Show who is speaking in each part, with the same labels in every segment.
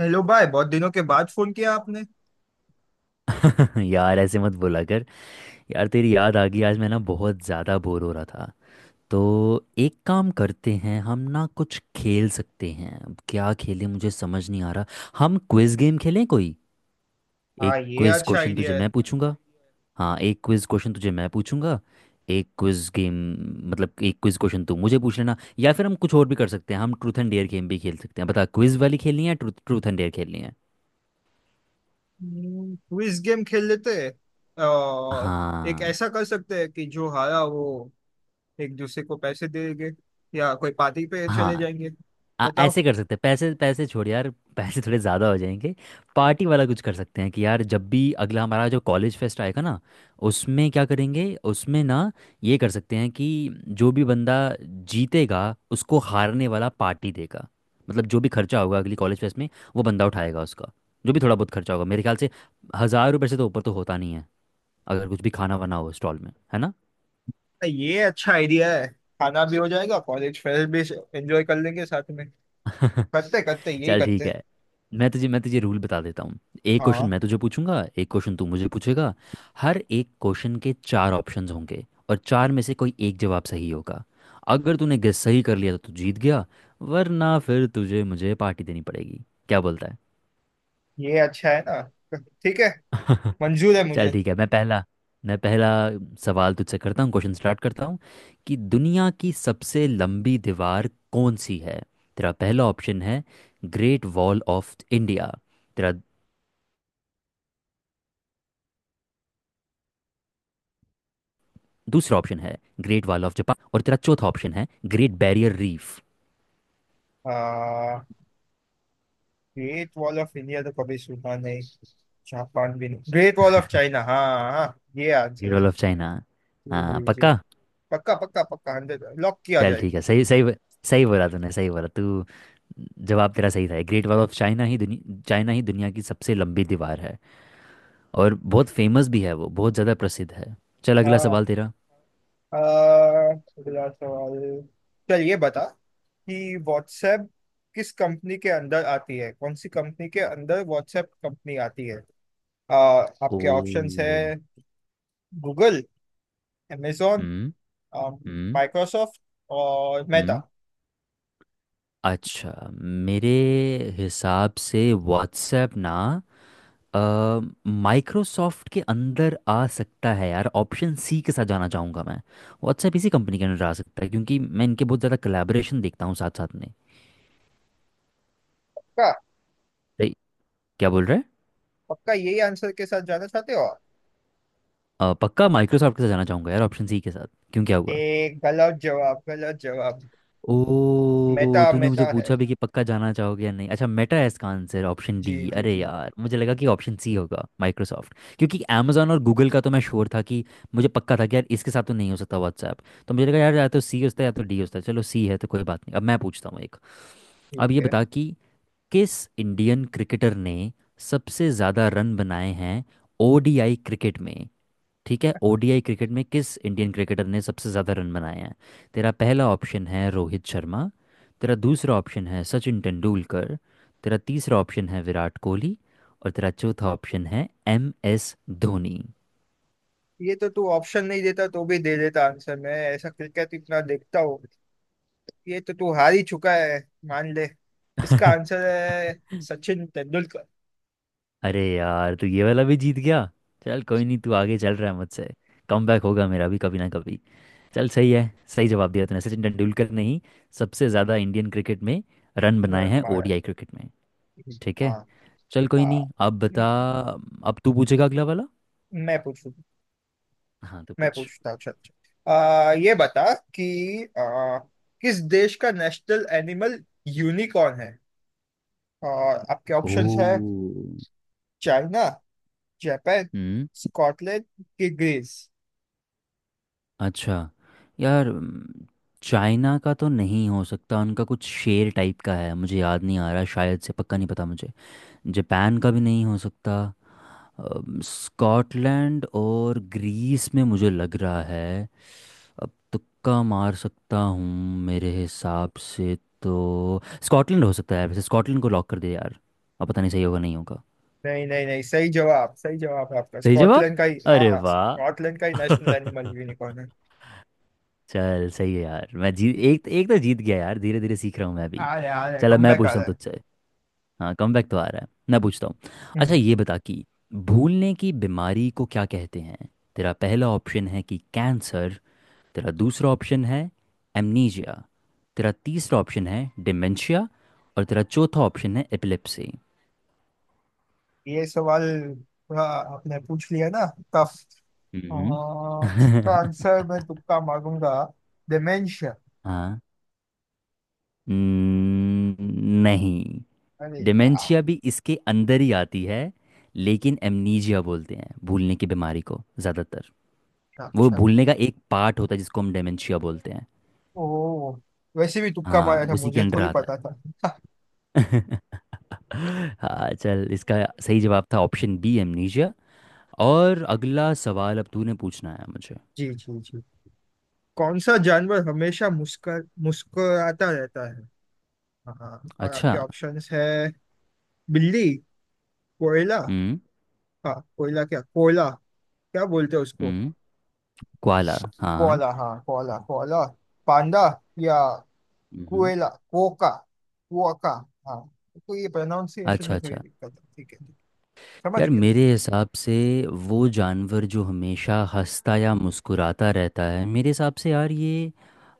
Speaker 1: Hello भाई, बहुत दिनों के बाद फोन किया आपने।
Speaker 2: यार ऐसे मत बोला कर। यार तेरी याद आ गई आज। मैं ना बहुत ज़्यादा बोर हो रहा था तो एक काम करते हैं। हम ना कुछ खेल सकते हैं। अब क्या खेलें मुझे समझ नहीं आ रहा। हम क्विज गेम खेलें कोई।
Speaker 1: हाँ,
Speaker 2: एक
Speaker 1: ये
Speaker 2: क्विज
Speaker 1: अच्छा
Speaker 2: क्वेश्चन तुझे
Speaker 1: आइडिया
Speaker 2: मैं
Speaker 1: है।
Speaker 2: पूछूंगा। हाँ, एक क्विज क्वेश्चन तुझे मैं पूछूंगा। एक क्विज गेम। मतलब एक क्विज क्वेश्चन तू मुझे पूछ लेना या फिर हम कुछ और भी कर सकते हैं। हम ट्रूथ एंड डेयर गेम भी खेल सकते हैं। बता क्विज वाली खेलनी है ट्रूथ ट्रूथ एंड डेयर खेलनी है।
Speaker 1: क्विज गेम खेल लेते हैं। और एक
Speaker 2: हाँ,
Speaker 1: ऐसा कर सकते हैं कि जो हारा वो एक दूसरे को पैसे देंगे या कोई पार्टी पे चले
Speaker 2: हाँ।
Speaker 1: जाएंगे। बताओ।
Speaker 2: ऐसे कर सकते हैं। पैसे पैसे छोड़ यार। पैसे थोड़े ज़्यादा हो जाएंगे। पार्टी वाला कुछ कर सकते हैं कि यार जब भी अगला हमारा जो कॉलेज फेस्ट आएगा ना, उसमें क्या करेंगे। उसमें ना, ये कर सकते हैं कि जो भी बंदा जीतेगा उसको हारने वाला पार्टी देगा। मतलब जो भी खर्चा होगा अगली कॉलेज फेस्ट में वो बंदा उठाएगा उसका। जो भी थोड़ा बहुत खर्चा होगा मेरे ख्याल से हज़ार रुपये से तो ऊपर तो होता नहीं है, अगर कुछ भी खाना वाना हो स्टॉल में, है ना।
Speaker 1: ये अच्छा आइडिया है। खाना भी हो जाएगा, कॉलेज फेयर भी एंजॉय कर लेंगे साथ में। करते करते यही
Speaker 2: चल
Speaker 1: करते
Speaker 2: ठीक
Speaker 1: हैं।
Speaker 2: है। मैं तुझे रूल बता देता हूँ। एक क्वेश्चन
Speaker 1: हाँ,
Speaker 2: मैं तुझे पूछूंगा, एक क्वेश्चन तू मुझे पूछेगा। हर एक क्वेश्चन के चार ऑप्शंस होंगे और चार में से कोई एक जवाब सही होगा। अगर तूने गेस सही कर लिया तो तू जीत गया, वरना फिर तुझे मुझे पार्टी देनी पड़ेगी। क्या बोलता
Speaker 1: ये अच्छा है ना। ठीक है,
Speaker 2: है।
Speaker 1: मंजूर है
Speaker 2: चल
Speaker 1: मुझे।
Speaker 2: ठीक है। मैं पहला सवाल तुझसे करता हूँ। क्वेश्चन स्टार्ट करता हूँ कि दुनिया की सबसे लंबी दीवार कौन सी है। तेरा पहला ऑप्शन है ग्रेट वॉल ऑफ इंडिया। तेरा दूसरा ऑप्शन है ग्रेट वॉल ऑफ जापान और तेरा चौथा ऑप्शन है ग्रेट बैरियर रीफ।
Speaker 1: आ, ग्रेट वॉल ऑफ इंडिया तो कभी सुना नहीं, जापान भी नहीं। ग्रेट वॉल ऑफ चाइना, हाँ हाँ, ये
Speaker 2: ग्रेट
Speaker 1: आंसर है।
Speaker 2: Wall of China.
Speaker 1: जी
Speaker 2: हाँ,
Speaker 1: जी जी,
Speaker 2: पक्का।
Speaker 1: पक्का पक्का पक्का, हंड्रेड लॉक किया
Speaker 2: चल
Speaker 1: जाए।
Speaker 2: ठीक है, सही सही। सही बोला तूने सही बोला तू। जवाब तेरा सही था। ग्रेट वॉल ऑफ चाइना ही दुनिया की सबसे लंबी दीवार है। और बहुत फेमस भी है वो, बहुत ज़्यादा प्रसिद्ध है। चल अगला
Speaker 1: हाँ।
Speaker 2: सवाल तेरा।
Speaker 1: अगला सवाल। चल ये बता कि व्हाट्सएप किस कंपनी के अंदर आती है, कौन सी कंपनी के अंदर व्हाट्सएप कंपनी आती है।
Speaker 2: ओ।
Speaker 1: आपके ऑप्शंस है गूगल, amazon,
Speaker 2: हम्म। हम्म।
Speaker 1: माइक्रोसॉफ्ट और मेटा।
Speaker 2: हम्म। अच्छा। मेरे हिसाब से व्हाट्सएप ना माइक्रोसॉफ्ट के अंदर आ सकता है यार। ऑप्शन सी के साथ जाना चाहूँगा मैं। व्हाट्सएप इसी कंपनी के अंदर आ सकता है क्योंकि मैं इनके बहुत ज़्यादा कोलैबोरेशन देखता हूँ साथ साथ में।
Speaker 1: पक्का?
Speaker 2: सही, क्या बोल रहे हैं।
Speaker 1: पक्का यही आंसर के साथ जाना चाहते हो आप?
Speaker 2: पक्का माइक्रोसॉफ्ट के साथ जाना चाहूँगा यार, ऑप्शन सी के साथ। क्यों, क्या हुआ।
Speaker 1: एक गलत जवाब, गलत जवाब।
Speaker 2: ओ,
Speaker 1: मेटा,
Speaker 2: तूने मुझे
Speaker 1: मेटा है।
Speaker 2: पूछा भी कि पक्का जाना चाहोगे या नहीं। अच्छा, मेटा है इसका आंसर, ऑप्शन
Speaker 1: जी
Speaker 2: डी।
Speaker 1: जी
Speaker 2: अरे
Speaker 1: जी।
Speaker 2: यार, मुझे लगा कि ऑप्शन सी होगा, माइक्रोसॉफ्ट। क्योंकि amazon और गूगल का तो मैं श्योर था कि मुझे पक्का था कि यार इसके साथ तो नहीं हो सकता व्हाट्सएप। तो मुझे लगा यार या तो सी होता है या तो डी होता है। चलो सी है तो कोई बात नहीं। अब मैं पूछता हूँ एक। अब
Speaker 1: ठीक
Speaker 2: ये
Speaker 1: है।
Speaker 2: बता कि किस इंडियन क्रिकेटर ने सबसे ज़्यादा रन बनाए हैं ओडीआई क्रिकेट में। ठीक है, ओडीआई क्रिकेट में किस इंडियन क्रिकेटर ने सबसे ज़्यादा रन बनाए हैं। तेरा पहला ऑप्शन है रोहित शर्मा। तेरा दूसरा ऑप्शन है सचिन तेंदुलकर। तेरा तीसरा ऑप्शन है विराट कोहली। और तेरा चौथा ऑप्शन है एम एस धोनी।
Speaker 1: ये तो तू ऑप्शन नहीं देता तो भी दे देता आंसर। मैं ऐसा क्रिकेट इतना देखता हूँ, ये तो तू हार ही चुका है, मान ले। इसका आंसर है सचिन तेंदुलकर।
Speaker 2: अरे यार, तू ये वाला भी जीत गया। चल कोई नहीं, तू आगे चल रहा है मुझसे। कम बैक होगा मेरा भी कभी ना कभी। चल सही है। सही जवाब दिया तूने, सचिन तेंदुलकर ने ही सबसे ज़्यादा इंडियन क्रिकेट में रन बनाए
Speaker 1: रन
Speaker 2: हैं
Speaker 1: मारा
Speaker 2: ओडीआई क्रिकेट में।
Speaker 1: है।
Speaker 2: ठीक है,
Speaker 1: हाँ।
Speaker 2: चल कोई
Speaker 1: हाँ,
Speaker 2: नहीं, अब बता। अब तू पूछेगा अगला वाला।
Speaker 1: मैं पूछू?
Speaker 2: हाँ तो
Speaker 1: मैं
Speaker 2: पूछ।
Speaker 1: पूछता हूँ चल चल। आ, ये बता कि आ, किस देश का नेशनल एनिमल यूनिकॉर्न है? और आपके ऑप्शंस है
Speaker 2: ओ।
Speaker 1: चाइना जापान
Speaker 2: हम्म।
Speaker 1: स्कॉटलैंड की ग्रीस
Speaker 2: अच्छा। यार, चाइना का तो नहीं हो सकता, उनका कुछ शेर टाइप का है, मुझे याद नहीं आ रहा, शायद से पक्का नहीं पता मुझे। जापान का भी नहीं हो सकता। स्कॉटलैंड और ग्रीस में मुझे लग रहा है। अब तुक्का मार सकता हूँ मेरे हिसाब से। तो स्कॉटलैंड हो सकता है, वैसे स्कॉटलैंड को लॉक कर दे यार। अब पता नहीं सही होगा नहीं होगा।
Speaker 1: नहीं नहीं नहीं, सही जवाब, सही जवाब है आपका।
Speaker 2: सही जवाब,
Speaker 1: स्कॉटलैंड का ही,
Speaker 2: अरे
Speaker 1: हाँ
Speaker 2: वाह।
Speaker 1: स्कॉटलैंड का ही नेशनल एनिमल यूनिकॉर्न है।
Speaker 2: चल सही है यार, मैं जी एक एक तो जीत गया यार, धीरे धीरे सीख रहा हूँ मैं
Speaker 1: आ
Speaker 2: भी।
Speaker 1: रहा है, आ रहा है,
Speaker 2: चलो
Speaker 1: कम
Speaker 2: मैं
Speaker 1: बैक आ
Speaker 2: पूछता हूँ
Speaker 1: रहा है।
Speaker 2: तुझसे। हाँ, कम बैक तो आ रहा है, मैं पूछता हूँ।
Speaker 1: हम्म,
Speaker 2: अच्छा ये बता कि भूलने की बीमारी को क्या कहते हैं। तेरा पहला ऑप्शन है कि कैंसर। तेरा दूसरा ऑप्शन है एमनीजिया। तेरा तीसरा ऑप्शन है डिमेंशिया। और तेरा चौथा ऑप्शन है एपिलेप्सी।
Speaker 1: ये सवाल थोड़ा आपने पूछ लिया ना, टफ।
Speaker 2: हम्म।
Speaker 1: इसका आंसर मैं तुक्का मारूंगा, डिमेंशिया।
Speaker 2: हाँ। न- नहीं,
Speaker 1: अरे
Speaker 2: डिमेंशिया
Speaker 1: यार!
Speaker 2: भी इसके अंदर ही आती है, लेकिन एमनीजिया बोलते हैं भूलने की बीमारी को ज़्यादातर। वो
Speaker 1: अच्छा।
Speaker 2: भूलने का एक पार्ट होता है जिसको हम डिमेंशिया बोलते हैं।
Speaker 1: ओ, वैसे भी तुक्का
Speaker 2: हाँ,
Speaker 1: मारा था,
Speaker 2: उसी के
Speaker 1: मुझे
Speaker 2: अंडर
Speaker 1: थोड़ी
Speaker 2: आता
Speaker 1: पता था।
Speaker 2: है। हाँ चल, इसका सही जवाब था ऑप्शन बी, एमनीजिया। और अगला सवाल अब तूने पूछना है मुझे।
Speaker 1: जी जी जी। कौन सा जानवर हमेशा मुस्कर मुस्कुराता रहता है? हाँ, और
Speaker 2: अच्छा।
Speaker 1: आपके ऑप्शंस है बिल्ली, कोयला।
Speaker 2: हम्म।
Speaker 1: हाँ कोयला, क्या कोयला, क्या बोलते हैं उसको।
Speaker 2: हम्म। क्वाला, हाँ।
Speaker 1: कोला, हाँ कोला कोला, पांडा या
Speaker 2: हम्म।
Speaker 1: कोयला, कोका, कोका। हाँ, तो ये प्रोनाउंसिएशन
Speaker 2: अच्छा
Speaker 1: में थोड़ी
Speaker 2: अच्छा।
Speaker 1: दिक्कत है। ठीक है, ठीक है। समझ
Speaker 2: यार
Speaker 1: गया।
Speaker 2: मेरे हिसाब से वो जानवर जो हमेशा हंसता या मुस्कुराता रहता है, मेरे हिसाब से यार ये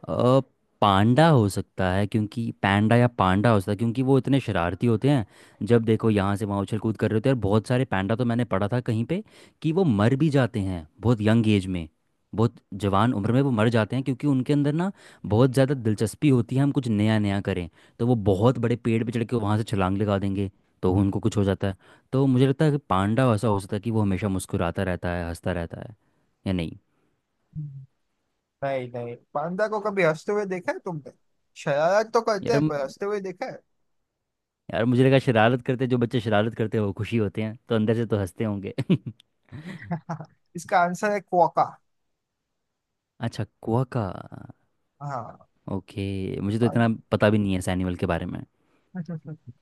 Speaker 2: अ, पांडा हो सकता है। क्योंकि पैंडा या पांडा हो सकता है क्योंकि वो इतने शरारती होते हैं, जब देखो यहाँ से वहाँ उछल कूद कर रहे होते हैं। और बहुत सारे पैंडा तो मैंने पढ़ा था कहीं पे कि वो मर भी जाते हैं बहुत यंग एज में। बहुत जवान उम्र में वो मर जाते हैं क्योंकि उनके अंदर ना बहुत ज़्यादा दिलचस्पी होती है हम कुछ नया नया करें। तो वो बहुत बड़े पेड़ पे चढ़ के वहाँ से छलांग लगा देंगे तो उनको कुछ हो जाता है। तो मुझे लगता है कि पांडा ऐसा हो सकता है कि वो हमेशा मुस्कुराता रहता है, हंसता रहता है, या नहीं।
Speaker 1: हम्म। नहीं नहीं, पांडा को कभी हंसते हुए देखा है तुमने? शरारत तो करते
Speaker 2: यार,
Speaker 1: हैं, पर हंसते हुए देखा है?
Speaker 2: यार मुझे लगा शरारत करते, जो बच्चे शरारत करते हैं वो खुशी होते हैं, तो अंदर से तो हंसते होंगे।
Speaker 1: इसका आंसर है कोका।
Speaker 2: अच्छा, क्वाका,
Speaker 1: हाँ।
Speaker 2: ओके। मुझे तो इतना
Speaker 1: पान-
Speaker 2: पता भी नहीं है इस एनिमल के बारे में।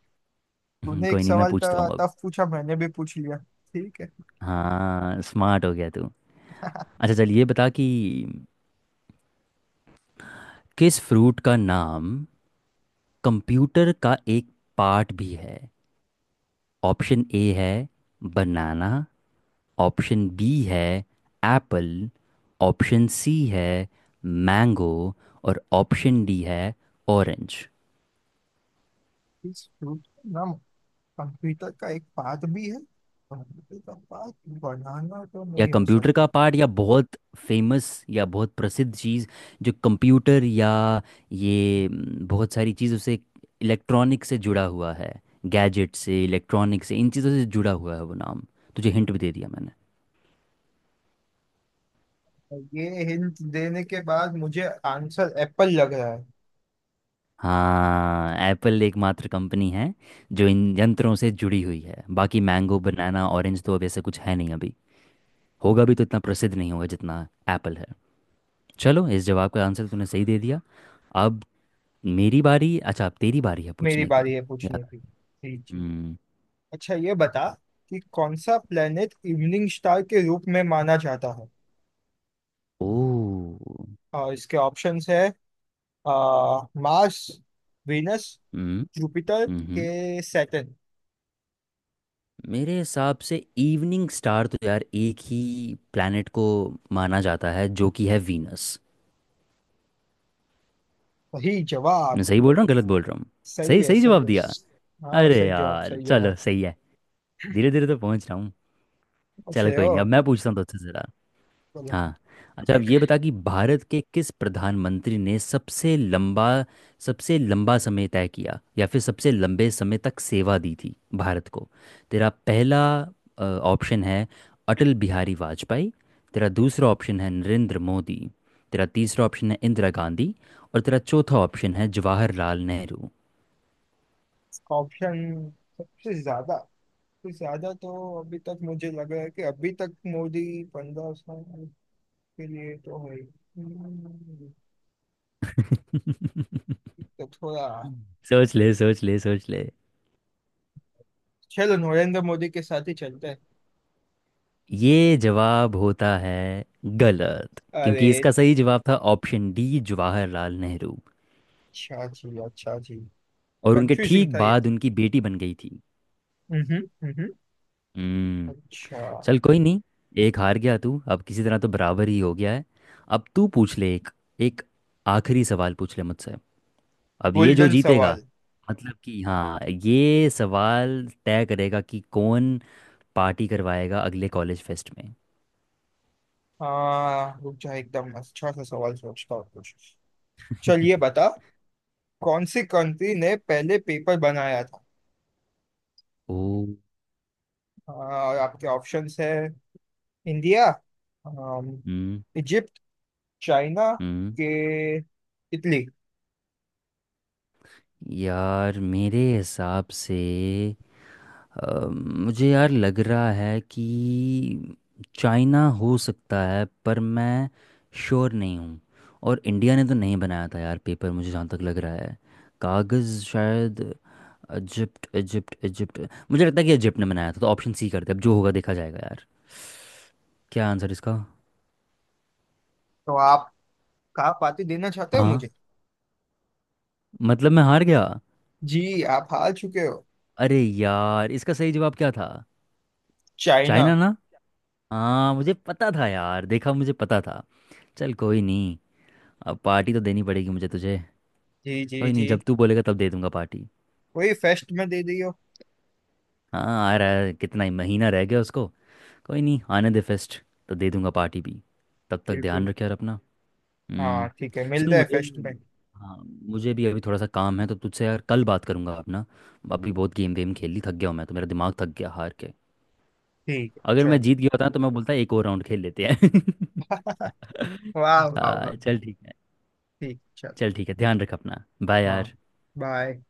Speaker 1: तूने एक
Speaker 2: कोई नहीं, मैं
Speaker 1: सवाल
Speaker 2: पूछता हूँ अब।
Speaker 1: तब पूछा, मैंने भी पूछ लिया। ठीक है।
Speaker 2: हाँ स्मार्ट हो गया तू। अच्छा चल ये बता कि किस फ्रूट का नाम कंप्यूटर का एक पार्ट भी है। ऑप्शन ए है बनाना। ऑप्शन बी है एप्पल। ऑप्शन सी है मैंगो। और ऑप्शन डी है ऑरेंज।
Speaker 1: इस फ्रूट का नाम कंप्यूटर का एक पार्ट भी है। कंप्यूटर का पार्ट, बनाना तो
Speaker 2: या
Speaker 1: नहीं हो
Speaker 2: कंप्यूटर का
Speaker 1: सकता।
Speaker 2: पार्ट या बहुत फेमस या बहुत प्रसिद्ध चीज़ जो कंप्यूटर या ये बहुत सारी चीज़ों से इलेक्ट्रॉनिक से जुड़ा हुआ है, गैजेट से इलेक्ट्रॉनिक से इन चीज़ों से जुड़ा हुआ है वो नाम। तुझे हिंट भी दे दिया मैंने।
Speaker 1: ये हिंट देने के बाद मुझे आंसर एप्पल लग रहा है।
Speaker 2: हाँ, एप्पल एकमात्र कंपनी है जो इन यंत्रों से जुड़ी हुई है। बाकी मैंगो, बनाना, ऑरेंज तो अब ऐसा कुछ है नहीं अभी, होगा भी तो इतना प्रसिद्ध नहीं होगा जितना एप्पल है। चलो इस जवाब का आंसर तूने सही दे दिया। अब मेरी बारी। अच्छा अब तेरी बारी है
Speaker 1: मेरी
Speaker 2: पूछने
Speaker 1: बारी
Speaker 2: की।
Speaker 1: है
Speaker 2: याद।
Speaker 1: पूछने की। जी जी।
Speaker 2: हम्म।
Speaker 1: अच्छा ये बता कि कौन सा प्लेनेट इवनिंग स्टार के रूप में माना जाता है?
Speaker 2: ओ।
Speaker 1: और इसके ऑप्शंस है आ, मार्स, वीनस,
Speaker 2: हम्म।
Speaker 1: जुपिटर
Speaker 2: हम्म।
Speaker 1: के सैटर्न।
Speaker 2: मेरे हिसाब से इवनिंग स्टार तो यार एक ही प्लैनेट को माना जाता है, जो कि है वीनस।
Speaker 1: सही
Speaker 2: मैं
Speaker 1: जवाब।
Speaker 2: सही बोल रहा हूँ गलत बोल रहा हूँ।
Speaker 1: सही
Speaker 2: सही,
Speaker 1: है,
Speaker 2: सही
Speaker 1: सही
Speaker 2: जवाब
Speaker 1: है।
Speaker 2: दिया।
Speaker 1: हाँ,
Speaker 2: अरे
Speaker 1: सही जवाब,
Speaker 2: यार
Speaker 1: सही
Speaker 2: चलो
Speaker 1: जवाब।
Speaker 2: सही है, धीरे धीरे तो पहुंच रहा हूँ।
Speaker 1: पूछ
Speaker 2: चलो
Speaker 1: रहे
Speaker 2: कोई
Speaker 1: हो?
Speaker 2: नहीं, अब मैं पूछता हूँ तुझसे।
Speaker 1: बोलो।
Speaker 2: हाँ। अच्छा अब ये बता कि भारत के किस प्रधानमंत्री ने सबसे लंबा समय तय किया या फिर सबसे लंबे समय तक सेवा दी थी भारत को। तेरा पहला ऑप्शन है अटल बिहारी वाजपेयी। तेरा दूसरा ऑप्शन है नरेंद्र मोदी। तेरा तीसरा ऑप्शन है इंदिरा गांधी। और तेरा चौथा ऑप्शन है जवाहरलाल नेहरू।
Speaker 1: ऑप्शन, सबसे ज्यादा, सबसे ज्यादा तो अभी तक मुझे लग रहा है कि अभी तक मोदी 15 साल के लिए तो है। हम्म, तो थोड़ा,
Speaker 2: सोच ले सोच ले सोच ले।
Speaker 1: चलो नरेंद्र मोदी के साथ ही चलते हैं।
Speaker 2: ये जवाब होता है गलत, क्योंकि
Speaker 1: अरे!
Speaker 2: इसका सही जवाब था ऑप्शन डी, जवाहरलाल नेहरू।
Speaker 1: अच्छा जी, अच्छा जी।
Speaker 2: और उनके
Speaker 1: कंफ्यूजिंग
Speaker 2: ठीक
Speaker 1: था ये।
Speaker 2: बाद उनकी बेटी बन गई थी।
Speaker 1: हम्म। हम्म।
Speaker 2: हम्म।
Speaker 1: अच्छा।
Speaker 2: चल कोई नहीं, एक हार गया तू, अब किसी तरह तो बराबर ही हो गया है। अब तू पूछ ले एक, एक आखिरी सवाल पूछ ले मुझसे। अब ये जो
Speaker 1: गोल्डन
Speaker 2: जीतेगा,
Speaker 1: सवाल।
Speaker 2: मतलब कि हाँ, ये सवाल तय करेगा कि कौन पार्टी करवाएगा अगले कॉलेज फेस्ट में।
Speaker 1: हाँ रुक जा, एकदम अच्छा सा सवाल सोचता हूँ कुछ। चलिए बता। कौन सी कंट्री ने पहले पेपर बनाया था?
Speaker 2: ओ।
Speaker 1: हाँ, और आपके ऑप्शंस है इंडिया, अम,
Speaker 2: हम्म।
Speaker 1: इजिप्ट, चाइना
Speaker 2: हम्म।
Speaker 1: के इटली।
Speaker 2: यार मेरे हिसाब से मुझे यार लग रहा है कि चाइना हो सकता है पर मैं श्योर नहीं हूँ। और इंडिया ने तो नहीं बनाया था यार पेपर, मुझे जहाँ तक लग रहा है कागज़ शायद इजिप्ट, इजिप्ट। मुझे लगता है कि इजिप्ट ने बनाया था तो ऑप्शन सी करते हैं, अब जो होगा देखा जाएगा यार। क्या आंसर इसका।
Speaker 1: तो आप कहाँ पार्टी देना चाहते हो
Speaker 2: हाँ,
Speaker 1: मुझे?
Speaker 2: मतलब मैं हार गया।
Speaker 1: जी आप हार चुके हो।
Speaker 2: अरे यार, इसका सही जवाब क्या था।
Speaker 1: चाइना।
Speaker 2: चाइना ना? हाँ, मुझे पता था यार, देखा, मुझे पता था। चल कोई नहीं, अब पार्टी तो देनी पड़ेगी मुझे तुझे।
Speaker 1: जी जी
Speaker 2: कोई नहीं,
Speaker 1: जी।
Speaker 2: जब तू बोलेगा तब दे दूंगा पार्टी।
Speaker 1: वही फेस्ट में दे दियो।
Speaker 2: हाँ, आ रहा है कितना ही महीना रह गया उसको। कोई नहीं, आने दे फेस्ट तो दे दूंगा पार्टी भी। तब तक
Speaker 1: बिल्कुल।
Speaker 2: ध्यान रख यार अपना।
Speaker 1: हाँ
Speaker 2: हम्म।
Speaker 1: ठीक है,
Speaker 2: सुन
Speaker 1: मिलते हैं
Speaker 2: मुझे,
Speaker 1: फेस्ट में।
Speaker 2: हाँ, मुझे भी अभी थोड़ा सा काम है तो तुझसे यार कल बात करूंगा अपना। अभी बहुत गेम वेम खेल ली, थक गया हूँ मैं तो, मेरा दिमाग थक गया हार के।
Speaker 1: ठीक है
Speaker 2: अगर मैं
Speaker 1: चलो।
Speaker 2: जीत गया होता ना, तो मैं बोलता एक और राउंड खेल लेते हैं।
Speaker 1: वाह वाह वाह।
Speaker 2: हाँ चल ठीक है।
Speaker 1: ठीक, चलो।
Speaker 2: चल ठीक है, ध्यान रख अपना। बाय
Speaker 1: हाँ,
Speaker 2: यार।
Speaker 1: बाय।